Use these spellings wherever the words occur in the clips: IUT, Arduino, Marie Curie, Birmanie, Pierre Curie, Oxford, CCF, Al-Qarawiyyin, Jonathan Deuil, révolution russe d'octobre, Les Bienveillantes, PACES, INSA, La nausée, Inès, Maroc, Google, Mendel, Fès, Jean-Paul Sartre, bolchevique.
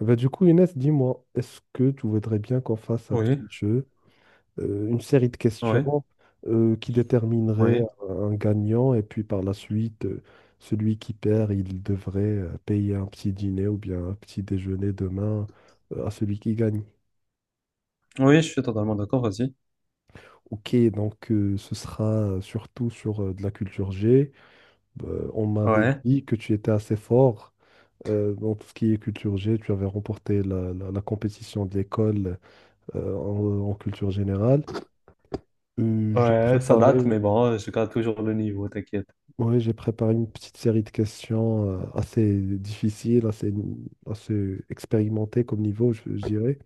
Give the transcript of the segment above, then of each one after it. Inès, dis-moi, est-ce que tu voudrais bien qu'on fasse un Oui, petit jeu, une série de oui, questions qui déterminerait oui. un gagnant et puis par la suite, celui qui perd, il devrait payer un petit dîner ou bien un petit déjeuner demain à celui qui gagne. Oui, je suis totalement d'accord, vas-y. Ok, donc ce sera surtout sur de la culture G. On m'avait Ouais. dit que tu étais assez fort dans tout ce qui est culture G. Tu avais remporté la compétition de l'école en culture générale. Euh, j'ai Ouais, ça préparé, date, mais bon, je garde toujours le niveau, t'inquiète. ouais, j'ai préparé une petite série de questions assez difficiles, assez expérimentées comme niveau, je dirais.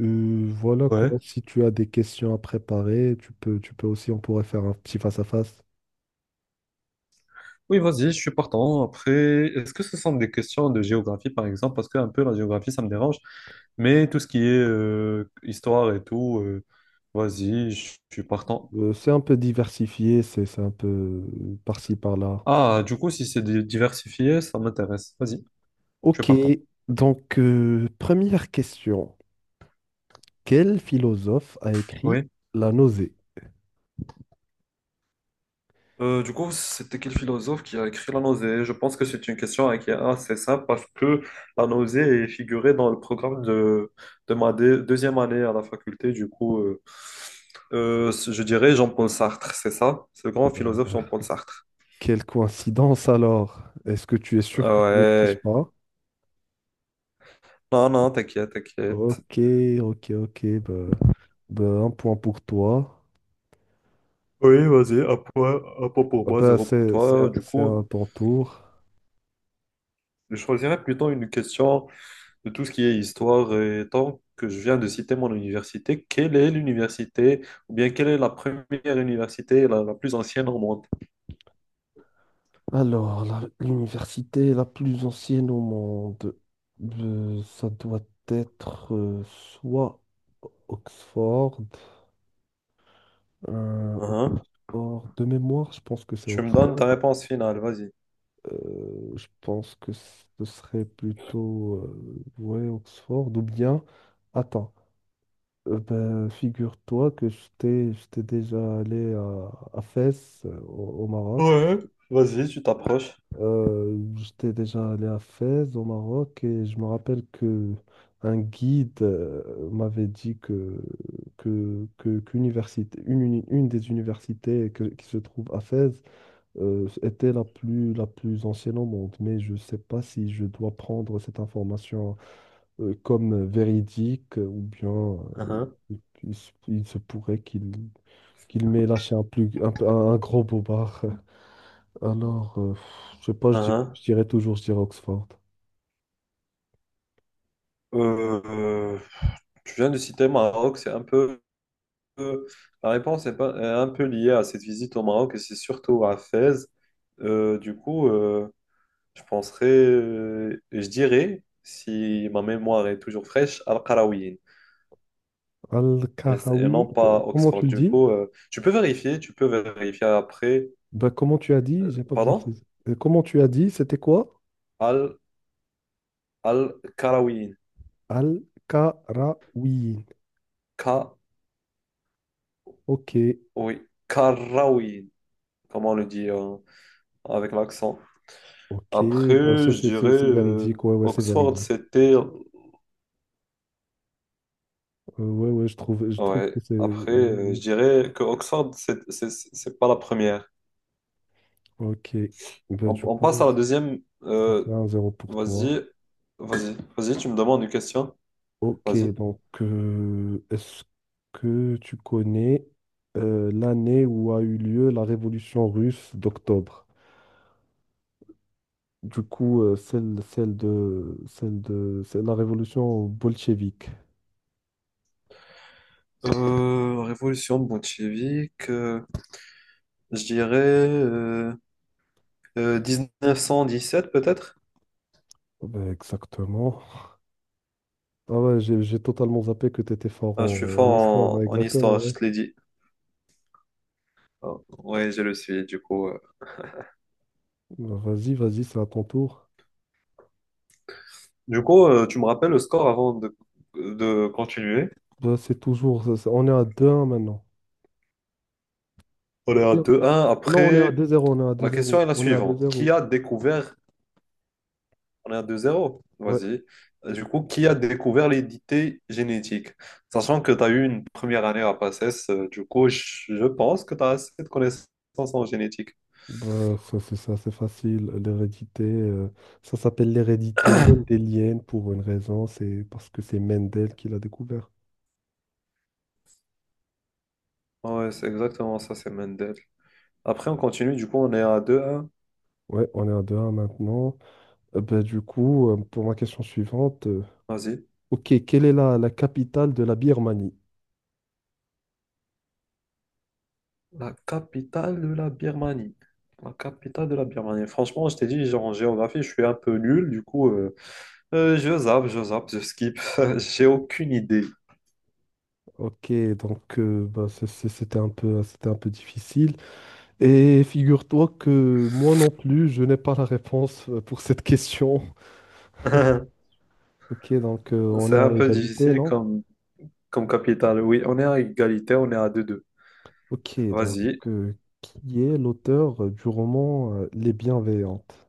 Voilà quoi, Ouais. si tu as des questions à préparer, tu peux aussi, on pourrait faire un petit face-à-face. Oui, vas-y, je suis partant. Après, est-ce que ce sont des questions de géographie, par exemple? Parce que un peu la géographie, ça me dérange. Mais tout ce qui est histoire et tout, vas-y, je suis partant. C'est un peu diversifié, c'est un peu par-ci, par-là. Ah, du coup, si c'est diversifié, ça m'intéresse. Vas-y, je suis Ok, partant. donc première question. Quel philosophe a écrit Oui. La nausée? Du coup, c'était quel philosophe qui a écrit la nausée? Je pense que c'est une question hein, qui est assez simple parce que la nausée est figurée dans le programme de ma deuxième année à la faculté. Du coup, je dirais Jean-Paul Sartre, c'est ça? Ce grand philosophe Bah, Jean-Paul Sartre. quelle coïncidence alors? Est-ce que tu es Ah, sûr que tu ne triches ouais. pas? Non, non, t'inquiète, t'inquiète. Ok, ok. Bah, un point pour toi. Oui, vas-y, un point pour Ah moi, bah, zéro pour toi. Du c'est coup, à ton tour. je choisirais plutôt une question de tout ce qui est histoire. Et tant que je viens de citer mon université, quelle est l'université, ou bien quelle est la première université la plus ancienne au monde? Alors, l'université la plus ancienne au monde, ça doit être soit Oxford, euh, Uhum. Oxford de mémoire. Je pense que c'est Tu me donnes ta Oxford. réponse finale, vas-y. Je pense que ce serait plutôt ouais, Oxford ou bien. Attends. Figure-toi que j'étais déjà allé à Fès, au au Maroc. Ouais. Vas-y, tu t'approches. J'étais déjà allé à Fès, au Maroc, et je me rappelle que un guide m'avait dit qu'université, une des universités qui se trouve à Fès était la plus ancienne au monde. Mais je ne sais pas si je dois prendre cette information comme véridique, ou bien Uhum, il se pourrait qu'il m'ait lâché un, plus, un, peu- un gros bobard. Alors, je sais pas, uhum. je dirais toujours, je dirais Oxford. Euh, euh, tu viens de citer Maroc, c'est un peu. Euh, La réponse est, pas- est un peu liée à cette visite au Maroc, et c'est surtout à Fès. Du coup, je penserais, je dirais, si ma mémoire est toujours fraîche, Al-Qarawiyyin. Et non Al-Karawi, pas comment Oxford. tu le Du dis? coup, tu peux vérifier après. Bah, comment tu as dit? J'ai pas bien Pardon? saisi. Comment tu as dit? C'était quoi? Al, Al Karawin. Al-Qarawiyyin. Ka, Ok, oui, Karawin. Comment on le dit avec l'accent? ok. Après, Bah, je dirais c'est véridique. Ouais, ouais, c'est Oxford, véridique. c'était. Ouais, ouais, je trouve Ouais, que c'est. après, Ouais, ouais. je dirais que Oxford, c'est pas la première. Ok. Bah, On, du on passe coup, à la deuxième. ça fait euh, un zéro pour toi. vas-y, vas-y, vas-y, tu me demandes une question. Ok, Vas-y. donc est-ce que tu connais l'année où a eu lieu la révolution russe d'octobre? Du coup, celle de, c'est la révolution bolchevique. Révolution bolchevique. Je dirais 1917 peut-être? Ben, exactement. Ah ouais, j'ai totalement zappé que tu étais fort Ah, je suis en fort histoire. en, Ouais, en exactement, histoire, je ouais. te l'ai dit. Ah, ouais, je le suis, du coup. Ben, vas-y, c'est à ton tour. Du coup, tu me rappelles le score avant de continuer. Ben, c'est toujours. C'est- on est à deux 1 maintenant. On est à Bien. 2-1. Non, on est à Après, deux-zéro, on est à la question deux-zéro, est la on est à suivante. Qui deux-zéro. a découvert. On est à 2-0. Ouais. Vas-y. Du coup, qui a découvert l'identité génétique? Sachant que tu as eu une première année à PACES, du coup, je pense que tu as assez de connaissances en génétique. Bah ça, c'est facile. L'hérédité, ça s'appelle l'hérédité mendélienne pour une raison, c'est parce que c'est Mendel qui l'a découvert. Ah, ouais, c'est exactement ça, c'est Mendel. Après, on continue. Du coup, on est à deux un. Ouais, on est à deux 1 maintenant. Pour ma question suivante, Vas-y. ok, quelle est la capitale de la Birmanie? La capitale de la Birmanie. La capitale de la Birmanie. Franchement, je t'ai dit, genre, en géographie, je suis un peu nul. Du coup, je zappe, je zappe, je skip. J'ai aucune idée. Ok, donc c'était un peu difficile. Et figure-toi que moi non plus, je n'ai pas la réponse pour cette question. Ok, donc on est C'est un à peu égalité, difficile non? comme capitale. Oui, on est à égalité, on est à 2-2. Ok, donc Vas-y. euh, qui est l'auteur du roman Les Bienveillantes?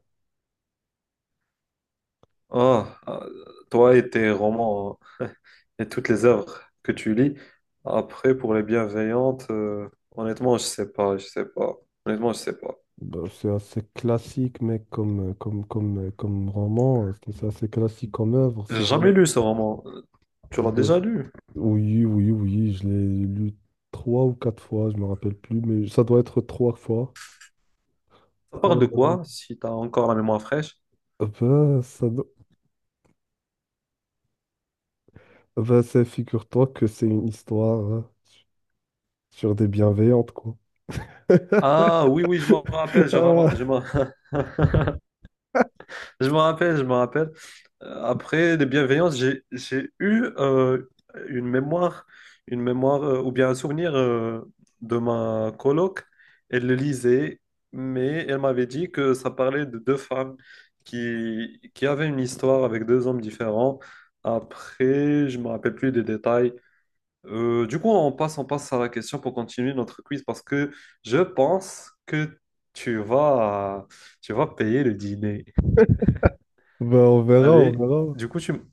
Ah, ah, toi et tes romans hein, et toutes les œuvres que tu lis. Après, pour les bienveillantes, honnêtement, je sais pas, je sais pas. Honnêtement, je sais pas. Bah, c'est assez classique, mais comme roman, c'est assez classique comme œuvre. J'ai C'est jamais Jonathan lu ce roman. Tu l'as Deuil. déjà lu? Oui, oui, oui, je l'ai lu trois ou quatre fois, je me rappelle plus, mais ça doit être trois fois. Ça parle de Euh, quoi, si t'as encore la mémoire fraîche? ben, ça, do- ben, ça figure-toi que c'est une histoire hein, sur des bienveillantes, quoi. Ah oui, oui, je m'en rappelle, je Ah, m'en je m'en rappelle, je m'en rappelle. Après les bienveillances, j'ai eu une mémoire, ou bien un souvenir de ma coloc. Elle le lisait, mais elle m'avait dit que ça parlait de deux femmes qui avaient une histoire avec deux hommes différents. Après, je me rappelle plus des détails. Du coup, on passe à la question pour continuer notre quiz parce que je pense que tu vas, tu vas payer le dîner. ben, on verra, on Allez, verra. du coup,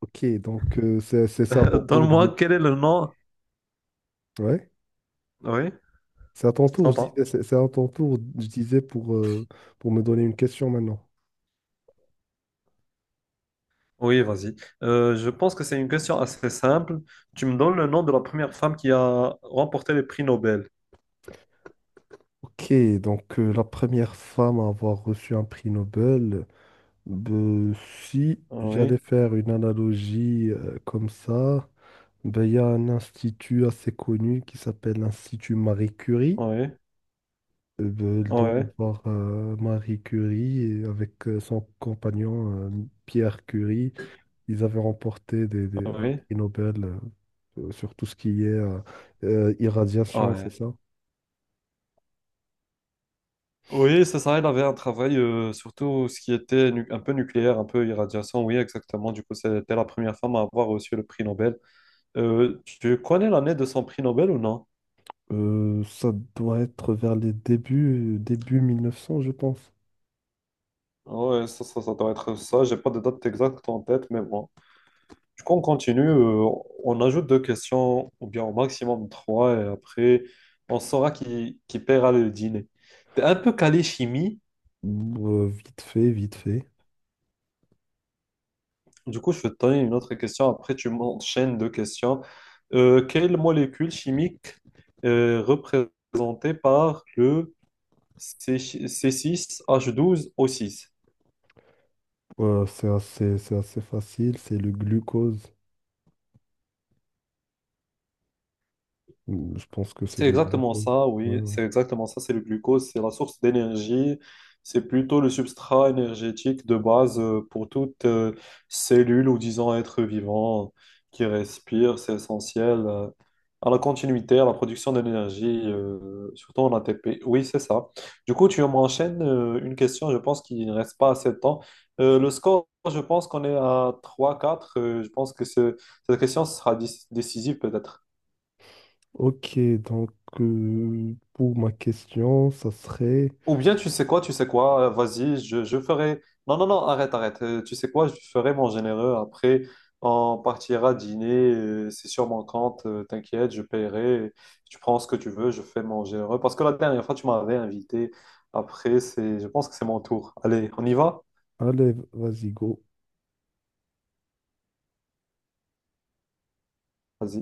Ok, donc c'est à ton tour. donne-moi De quel est le nom. Ouais, Oui, c'est à ton je tour, je t'entends. disais, c'est à ton tour, je disais, pour me donner une question maintenant. Oui, vas-y. Je pense que c'est une question assez simple. Tu me donnes le nom de la première femme qui a remporté le prix Nobel. Ok, donc la première femme à avoir reçu un prix Nobel, ben, si j'allais Oui, faire une analogie comme ça, ben, il y a un institut assez connu qui s'appelle l'Institut Marie Curie. oui, Ben, il doit y oui, avoir Marie Curie et avec son compagnon Pierre Curie. Ils avaient remporté un oui, prix Nobel sur tout ce qui est irradiation, c'est oui. ça? Oui, c'est ça, il avait un travail, surtout ce qui était un peu nucléaire, un peu irradiation, oui, exactement. Du coup, c'était la première femme à avoir reçu le prix Nobel. Tu connais l'année de son prix Nobel ou non? Ça doit être vers les débuts, début 1900, je pense. Oui, ça doit être ça. J'ai pas de date exacte en tête, mais bon. Du coup, on continue. On ajoute deux questions, ou bien au maximum trois, et après, on saura qui paiera le dîner. T'es un peu calé chimie. Bon, vite fait, vite fait. Du coup, je vais te donner une autre question. Après, tu m'enchaînes deux questions. Quelle molécule chimique est représentée par le C6H12O6? C'est assez facile, c'est le glucose. Je pense que c'est C'est le exactement glucose. ça, Ouais, oui, ouais. c'est exactement ça, c'est le glucose, c'est la source d'énergie, c'est plutôt le substrat énergétique de base pour toute cellule ou disons être vivant qui respire, c'est essentiel à la continuité, à la production d'énergie, surtout en ATP. Oui, c'est ça. Du coup, tu m'enchaînes une question, je pense qu'il ne reste pas assez de temps. Le score, je pense qu'on est à 3-4. Je pense que cette question sera décisive peut-être. Ok, donc pour ma question, ça serait... Ou bien tu sais quoi, vas-y, je ferai. Non, non, non, arrête, arrête. Tu sais quoi, je ferai mon généreux. Après, on partira dîner. C'est sur mon compte, t'inquiète, je paierai. Tu prends ce que tu veux, je fais mon généreux. Parce que la dernière fois, tu m'avais invité. Après, c'est, je pense que c'est mon tour. Allez, on y va? Allez, vas-y, go. Vas-y.